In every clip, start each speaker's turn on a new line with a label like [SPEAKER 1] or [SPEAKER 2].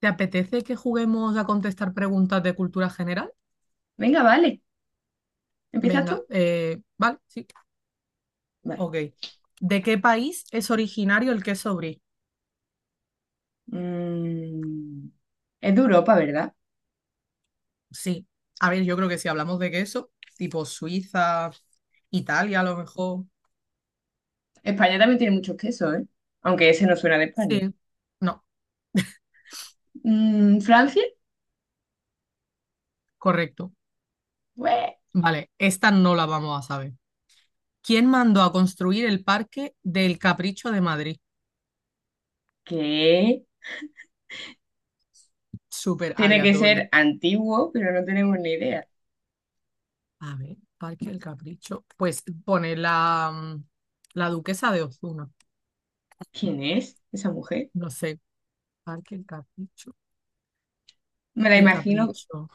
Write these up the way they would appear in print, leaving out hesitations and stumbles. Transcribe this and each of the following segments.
[SPEAKER 1] ¿Te apetece que juguemos a contestar preguntas de cultura general?
[SPEAKER 2] Venga, vale. ¿Empiezas
[SPEAKER 1] Venga,
[SPEAKER 2] tú?
[SPEAKER 1] vale, sí,
[SPEAKER 2] Vale.
[SPEAKER 1] ok. ¿De qué país es originario el queso brie?
[SPEAKER 2] Mm, es de Europa, ¿verdad?
[SPEAKER 1] Sí, a ver, yo creo que si hablamos de queso, tipo Suiza, Italia a lo mejor.
[SPEAKER 2] España también tiene muchos quesos, ¿eh? Aunque ese no suena de España.
[SPEAKER 1] Sí, no,
[SPEAKER 2] ¿Francia?
[SPEAKER 1] correcto.
[SPEAKER 2] Bue,
[SPEAKER 1] Vale, esta no la vamos a saber. ¿Quién mandó a construir el Parque del Capricho de Madrid?
[SPEAKER 2] ¿Qué?
[SPEAKER 1] Súper
[SPEAKER 2] Tiene que
[SPEAKER 1] aleatorio.
[SPEAKER 2] ser antiguo, pero no tenemos ni idea.
[SPEAKER 1] A ver, Parque del Capricho. Pues pone la duquesa de Ozuna.
[SPEAKER 2] ¿Quién es esa mujer?
[SPEAKER 1] No sé. Parque El Capricho.
[SPEAKER 2] Me la
[SPEAKER 1] El
[SPEAKER 2] imagino,
[SPEAKER 1] Capricho.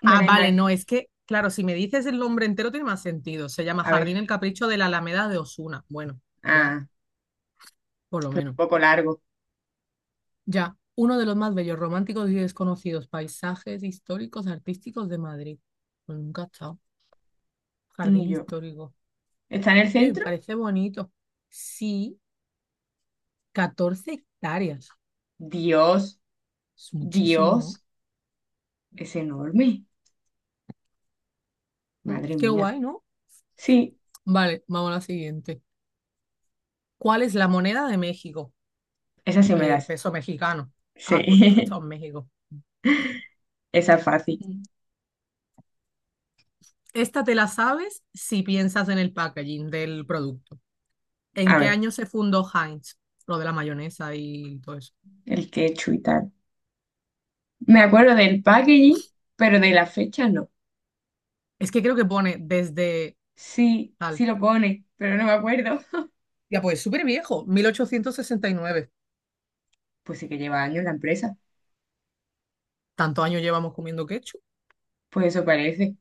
[SPEAKER 2] me
[SPEAKER 1] Ah,
[SPEAKER 2] la
[SPEAKER 1] vale,
[SPEAKER 2] imagino.
[SPEAKER 1] no, es que, claro, si me dices el nombre entero tiene más sentido. Se llama
[SPEAKER 2] A
[SPEAKER 1] Jardín
[SPEAKER 2] ver,
[SPEAKER 1] El Capricho de la Alameda de Osuna. Bueno, ya,
[SPEAKER 2] un
[SPEAKER 1] por lo menos.
[SPEAKER 2] poco largo.
[SPEAKER 1] Ya, uno de los más bellos, románticos y desconocidos paisajes históricos artísticos de Madrid. Pues nunca he estado. Jardín
[SPEAKER 2] Ni yo.
[SPEAKER 1] histórico.
[SPEAKER 2] ¿Está en el
[SPEAKER 1] Oye, me
[SPEAKER 2] centro?
[SPEAKER 1] parece bonito. Sí, 14 hectáreas.
[SPEAKER 2] Dios,
[SPEAKER 1] Es muchísimo, ¿no?
[SPEAKER 2] Dios, es enorme. Madre
[SPEAKER 1] Qué
[SPEAKER 2] mía.
[SPEAKER 1] guay, ¿no?
[SPEAKER 2] Sí,
[SPEAKER 1] Vale, vamos a la siguiente. ¿Cuál es la moneda de México?
[SPEAKER 2] esa sí me
[SPEAKER 1] El
[SPEAKER 2] das.
[SPEAKER 1] peso mexicano. Ah, por tu has
[SPEAKER 2] Sí,
[SPEAKER 1] estado en México.
[SPEAKER 2] esa es fácil.
[SPEAKER 1] Mm. Esta te la sabes si piensas en el packaging del producto. ¿En
[SPEAKER 2] A
[SPEAKER 1] qué
[SPEAKER 2] ver.
[SPEAKER 1] año se fundó Heinz? Lo de la mayonesa y todo eso.
[SPEAKER 2] El ketchup y tal. Me acuerdo del packaging, pero de la fecha no.
[SPEAKER 1] Es que creo que pone desde
[SPEAKER 2] Sí,
[SPEAKER 1] tal.
[SPEAKER 2] sí lo pone, pero no me acuerdo.
[SPEAKER 1] Ya, pues súper viejo, 1869.
[SPEAKER 2] Pues sí que lleva años la empresa.
[SPEAKER 1] ¿Tantos años llevamos comiendo ketchup?
[SPEAKER 2] Pues eso parece,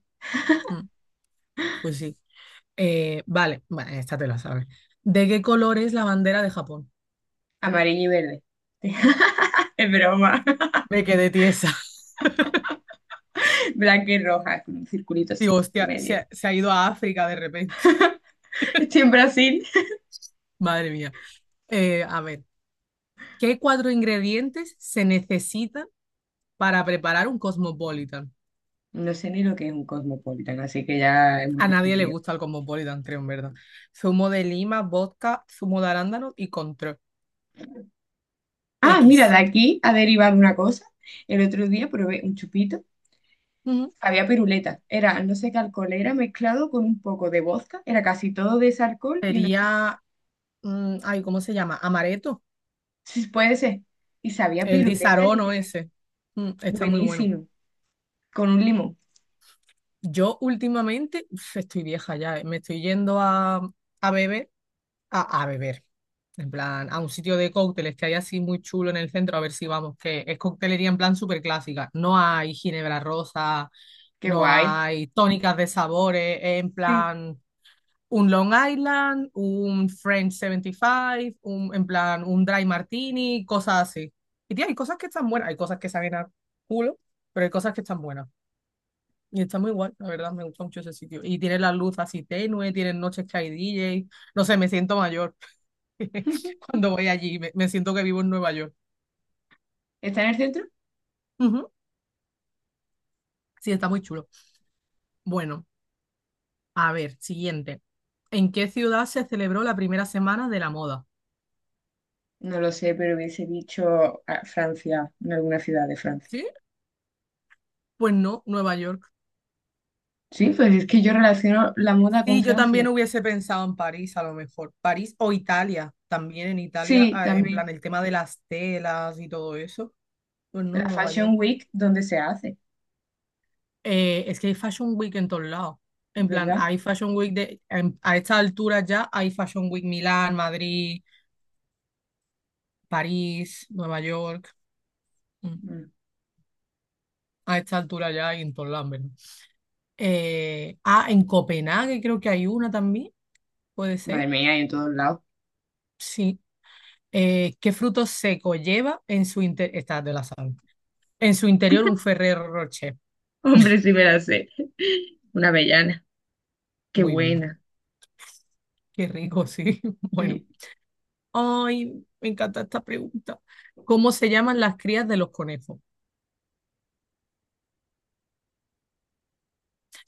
[SPEAKER 1] Mm, pues sí. Vale, bueno, esta te la sabes. ¿De qué color es la bandera de Japón?
[SPEAKER 2] amarillo y verde. Es broma.
[SPEAKER 1] Me quedé tiesa.
[SPEAKER 2] Blanca y roja, con un circulito
[SPEAKER 1] Digo,
[SPEAKER 2] así en
[SPEAKER 1] hostia, se
[SPEAKER 2] medio.
[SPEAKER 1] ha, se ha ido a África de repente.
[SPEAKER 2] Estoy en Brasil.
[SPEAKER 1] Madre mía. A ver, ¿qué cuatro ingredientes se necesitan para preparar un cosmopolitan?
[SPEAKER 2] No sé ni lo que es un cosmopolitan, así que ya hemos
[SPEAKER 1] A nadie le
[SPEAKER 2] respondido.
[SPEAKER 1] gusta el cosmopolitan, creo, en verdad. Zumo de lima, vodka, zumo de arándano y control.
[SPEAKER 2] Ah, mira,
[SPEAKER 1] X.
[SPEAKER 2] de aquí ha derivado una cosa. El otro día probé un chupito.
[SPEAKER 1] Ujú.
[SPEAKER 2] Había piruleta, era no sé qué alcohol, era mezclado con un poco de vodka, era casi todo de ese alcohol y una...
[SPEAKER 1] Sería, ay, ¿cómo se llama? Amaretto,
[SPEAKER 2] Sí, puede ser. Y sabía
[SPEAKER 1] el
[SPEAKER 2] piruleta
[SPEAKER 1] disarono
[SPEAKER 2] literal.
[SPEAKER 1] ese. Mm, está muy bueno.
[SPEAKER 2] Buenísimo, con un limón.
[SPEAKER 1] Yo últimamente, uf, estoy vieja ya, me estoy yendo a beber a beber. En plan, a un sitio de cócteles que hay así muy chulo en el centro, a ver si vamos, que es coctelería en plan súper clásica. No hay ginebra rosa,
[SPEAKER 2] Qué
[SPEAKER 1] no
[SPEAKER 2] guay.
[SPEAKER 1] hay tónicas de sabores, es en
[SPEAKER 2] Sí.
[SPEAKER 1] plan un Long Island, un French 75, en plan un dry martini, cosas así. Y tía, hay cosas que están buenas, hay cosas que saben a culo, pero hay cosas que están buenas. Y está muy guay, la verdad, me gusta mucho ese sitio. Y tiene la luz así tenue, tienen noches que hay DJ, no sé, me siento mayor. Cuando voy allí, me siento que vivo en Nueva York.
[SPEAKER 2] ¿Está en el centro?
[SPEAKER 1] Ujú. Sí, está muy chulo. Bueno, a ver, siguiente. ¿En qué ciudad se celebró la primera semana de la moda?
[SPEAKER 2] No lo sé, pero hubiese dicho Francia, en alguna ciudad de Francia.
[SPEAKER 1] ¿Sí? Pues no, Nueva York.
[SPEAKER 2] Sí, pues es que yo relaciono la moda con
[SPEAKER 1] Sí, yo también
[SPEAKER 2] Francia.
[SPEAKER 1] hubiese pensado en París, a lo mejor. París o Italia, también en Italia,
[SPEAKER 2] Sí,
[SPEAKER 1] en plan
[SPEAKER 2] también.
[SPEAKER 1] el tema de las telas y todo eso. Pues
[SPEAKER 2] La
[SPEAKER 1] no, Nueva York.
[SPEAKER 2] Fashion Week, donde se hace,
[SPEAKER 1] Es que hay Fashion Week en todos lados. En plan,
[SPEAKER 2] ¿verdad?
[SPEAKER 1] hay Fashion Week a esta altura ya hay Fashion Week Milán, Madrid, París, Nueva York. mm,
[SPEAKER 2] Mm.
[SPEAKER 1] a esta altura ya hay en todos lados, ¿verdad? En Copenhague creo que hay una también, puede
[SPEAKER 2] Madre
[SPEAKER 1] ser.
[SPEAKER 2] mía, y en todos lados.
[SPEAKER 1] Sí. ¿Qué fruto seco lleva en su interior? Esta de la sal. En su interior un Ferrero Rocher.
[SPEAKER 2] Hombre, sí me la sé. Una avellana. Qué
[SPEAKER 1] Muy bien.
[SPEAKER 2] buena.
[SPEAKER 1] Qué rico, sí. Bueno.
[SPEAKER 2] Sí,
[SPEAKER 1] Ay, me encanta esta pregunta. ¿Cómo se llaman las crías de los conejos?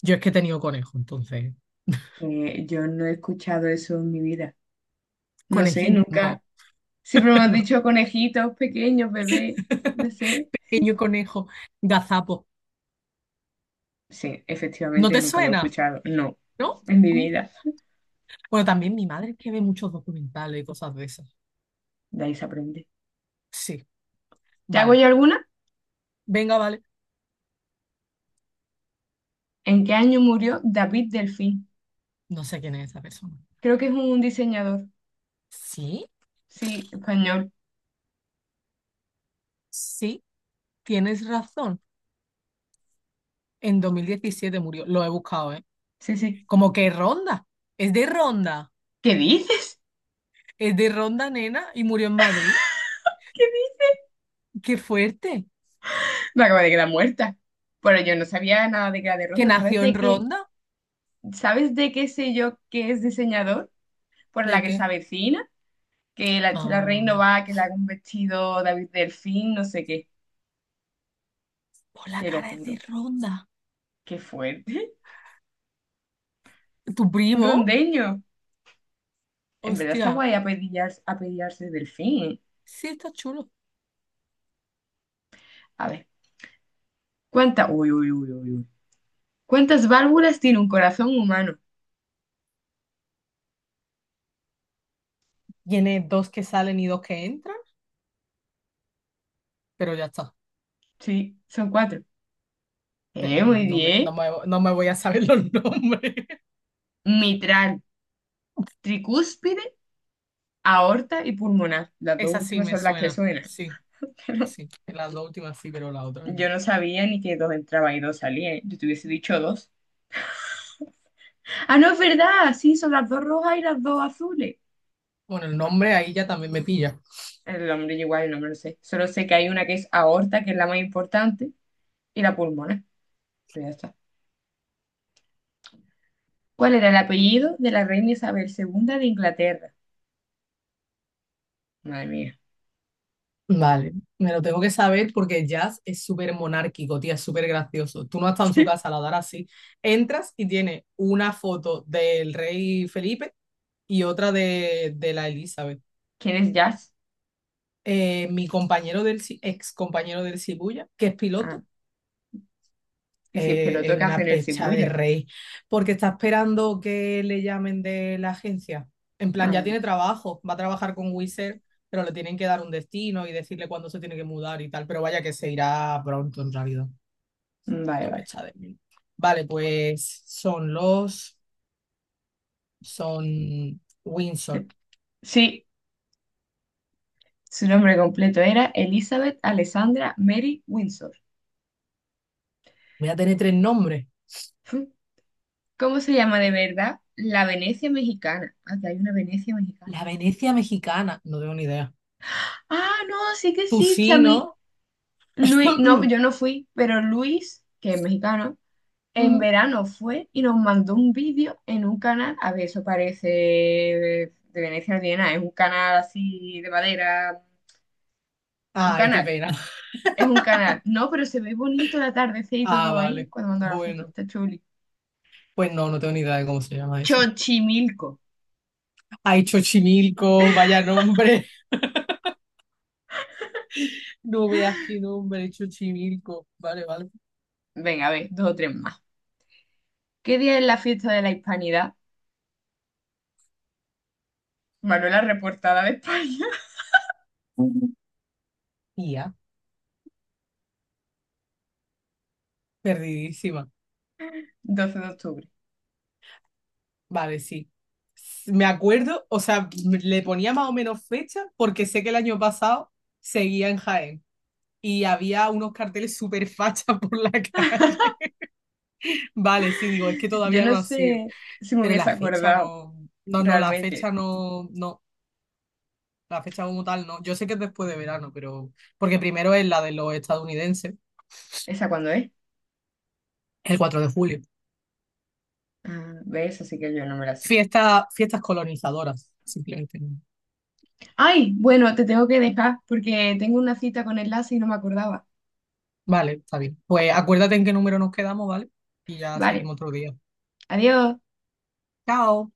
[SPEAKER 1] Yo es que he tenido conejos, entonces.
[SPEAKER 2] yo no he escuchado eso en mi vida. No sé,
[SPEAKER 1] Conejín, no,
[SPEAKER 2] nunca. Siempre me han
[SPEAKER 1] no.
[SPEAKER 2] dicho conejitos pequeños, bebé, no sé.
[SPEAKER 1] Pequeño conejo, gazapo.
[SPEAKER 2] Sí,
[SPEAKER 1] ¿No
[SPEAKER 2] efectivamente
[SPEAKER 1] te
[SPEAKER 2] nunca lo he
[SPEAKER 1] suena?
[SPEAKER 2] escuchado. No,
[SPEAKER 1] ¿No?
[SPEAKER 2] en mi
[SPEAKER 1] Mm.
[SPEAKER 2] vida.
[SPEAKER 1] Bueno, también mi madre es que ve muchos documentales y cosas de esas.
[SPEAKER 2] De ahí se aprende.
[SPEAKER 1] Sí,
[SPEAKER 2] ¿Te hago
[SPEAKER 1] vale.
[SPEAKER 2] yo alguna?
[SPEAKER 1] Venga, vale.
[SPEAKER 2] ¿En qué año murió David Delfín?
[SPEAKER 1] No sé quién es esa persona.
[SPEAKER 2] Creo que es un diseñador.
[SPEAKER 1] Sí,
[SPEAKER 2] Sí, español.
[SPEAKER 1] sí, tienes razón. En 2017 murió. Lo he buscado, ¿eh?
[SPEAKER 2] Sí, sí.
[SPEAKER 1] Como que Ronda. Es de Ronda.
[SPEAKER 2] ¿Qué dices?
[SPEAKER 1] Es de Ronda, nena, y murió en Madrid.
[SPEAKER 2] ¿Qué dices?
[SPEAKER 1] Qué fuerte.
[SPEAKER 2] Me acaba de quedar muerta. Pero yo no sabía nada de Gala de
[SPEAKER 1] Que
[SPEAKER 2] Ronda. ¿Sabes
[SPEAKER 1] nació en
[SPEAKER 2] de qué?
[SPEAKER 1] Ronda.
[SPEAKER 2] ¿Sabes de qué sé yo que es diseñador? Por la
[SPEAKER 1] ¿De
[SPEAKER 2] que se
[SPEAKER 1] qué?
[SPEAKER 2] avecina que la Chela Rey no
[SPEAKER 1] Ah,
[SPEAKER 2] va, que le haga un vestido David Delfín, no sé qué,
[SPEAKER 1] por la
[SPEAKER 2] te lo
[SPEAKER 1] cara es de
[SPEAKER 2] juro,
[SPEAKER 1] Ronda.
[SPEAKER 2] qué fuerte.
[SPEAKER 1] ¿Tu
[SPEAKER 2] Un
[SPEAKER 1] primo?
[SPEAKER 2] rondeño. En verdad está
[SPEAKER 1] Hostia.
[SPEAKER 2] guay apellidarse Delfín. ¿Eh?
[SPEAKER 1] Sí, está chulo.
[SPEAKER 2] A ver, ¿cuántas? Uy, uy, uy, uy, uy. ¿Cuántas válvulas tiene un corazón humano?
[SPEAKER 1] Tiene dos que salen y dos que entran, pero ya está.
[SPEAKER 2] Sí, son cuatro.
[SPEAKER 1] Pero
[SPEAKER 2] Muy
[SPEAKER 1] No me, no
[SPEAKER 2] bien.
[SPEAKER 1] me, no me voy a saber los nombres.
[SPEAKER 2] Mitral, tricúspide, aorta y pulmonar. Las dos
[SPEAKER 1] Esa sí
[SPEAKER 2] últimas
[SPEAKER 1] me
[SPEAKER 2] son las que
[SPEAKER 1] suena.
[SPEAKER 2] suenan.
[SPEAKER 1] Sí,
[SPEAKER 2] Pero
[SPEAKER 1] sí. Las dos últimas sí, pero la otra no.
[SPEAKER 2] yo no sabía ni que dos entraban y dos salían. Yo te hubiese dicho dos. Ah, no, es verdad. Sí, son las dos rojas y las dos azules.
[SPEAKER 1] Bueno, el nombre ahí ya también me pilla.
[SPEAKER 2] El nombre yo igual, el nombre lo sé. Solo sé que hay una que es aorta, que es la más importante, y la pulmonar. Pero ya está. ¿Cuál era el apellido de la reina Isabel II de Inglaterra? Madre mía.
[SPEAKER 1] Vale, me lo tengo que saber porque Jazz es súper monárquico, tía, es súper gracioso. Tú no has estado en su casa, la darás así. Entras y tiene una foto del rey Felipe y otra de la Elizabeth.
[SPEAKER 2] ¿Quién es Jazz?
[SPEAKER 1] Mi compañero del ex compañero del Cibuya, que es
[SPEAKER 2] Ah,
[SPEAKER 1] piloto,
[SPEAKER 2] y si es
[SPEAKER 1] es
[SPEAKER 2] peloto, ¿qué hace
[SPEAKER 1] una
[SPEAKER 2] en el
[SPEAKER 1] pecha de
[SPEAKER 2] Shibuya?
[SPEAKER 1] rey, porque está esperando que le llamen de la agencia. En plan,
[SPEAKER 2] Ah,
[SPEAKER 1] ya tiene
[SPEAKER 2] vale.
[SPEAKER 1] trabajo, va a trabajar con Wizard, pero le tienen que dar un destino y decirle cuándo se tiene que mudar y tal, pero vaya que se irá pronto en realidad.
[SPEAKER 2] Mm, vale,
[SPEAKER 1] No me
[SPEAKER 2] vale.
[SPEAKER 1] echa de mí. Vale, son Windsor.
[SPEAKER 2] Te- Sí, su nombre completo era Elizabeth Alessandra Mary Windsor.
[SPEAKER 1] Voy a tener tres nombres.
[SPEAKER 2] Fu. ¿Cómo se llama de verdad? La Venecia mexicana. Ah, que hay una Venecia mexicana.
[SPEAKER 1] La Venecia mexicana, no tengo ni idea.
[SPEAKER 2] Ah, no, sí que
[SPEAKER 1] Tú
[SPEAKER 2] existe a
[SPEAKER 1] sí,
[SPEAKER 2] mí.
[SPEAKER 1] ¿no?
[SPEAKER 2] Luis, no, yo no fui, pero Luis, que es mexicano, en
[SPEAKER 1] Ujú.
[SPEAKER 2] verano fue y nos mandó un vídeo en un canal, a ver, eso parece de Venecia no tiene nada, es un canal así de madera, un
[SPEAKER 1] Ay, qué
[SPEAKER 2] canal,
[SPEAKER 1] pena.
[SPEAKER 2] es un canal, no, pero se ve bonito el atardecer y
[SPEAKER 1] Ah,
[SPEAKER 2] todo ahí,
[SPEAKER 1] vale.
[SPEAKER 2] cuando mandó la foto,
[SPEAKER 1] Bueno.
[SPEAKER 2] está chuli.
[SPEAKER 1] Pues no, no tengo ni idea de cómo se llama eso.
[SPEAKER 2] Chochimilco,
[SPEAKER 1] Ay, Chochimilco, vaya nombre. No veas qué nombre, Chochimilco. Vale, vale.
[SPEAKER 2] venga, a ver, dos o tres más. ¿Qué día es la fiesta de la Hispanidad? Manuela Reportada de España,
[SPEAKER 1] Tía, perdidísima.
[SPEAKER 2] 12 de octubre.
[SPEAKER 1] Vale, sí. Me acuerdo, o sea, le ponía más o menos fecha porque sé que el año pasado seguía en Jaén y había unos carteles súper fachas por la calle. Vale, sí, digo, es que
[SPEAKER 2] Yo
[SPEAKER 1] todavía no
[SPEAKER 2] no
[SPEAKER 1] ha sido.
[SPEAKER 2] sé si me
[SPEAKER 1] Pero
[SPEAKER 2] hubiese
[SPEAKER 1] la fecha
[SPEAKER 2] acordado
[SPEAKER 1] no, no, no, la fecha
[SPEAKER 2] realmente.
[SPEAKER 1] no, no. La fecha como tal, no. Yo sé que es después de verano, pero. Porque primero es la de los estadounidenses,
[SPEAKER 2] ¿Esa cuándo es?
[SPEAKER 1] el 4 de julio.
[SPEAKER 2] Ah, ¿ves? Así que yo no me la sé.
[SPEAKER 1] Fiesta, fiestas colonizadoras, simplemente.
[SPEAKER 2] Ay, bueno, te tengo que dejar porque tengo una cita con el enlace y no me acordaba.
[SPEAKER 1] Vale, está bien. Pues acuérdate en qué número nos quedamos, ¿vale? Y ya
[SPEAKER 2] Vale,
[SPEAKER 1] seguimos otro día.
[SPEAKER 2] adiós.
[SPEAKER 1] Chao.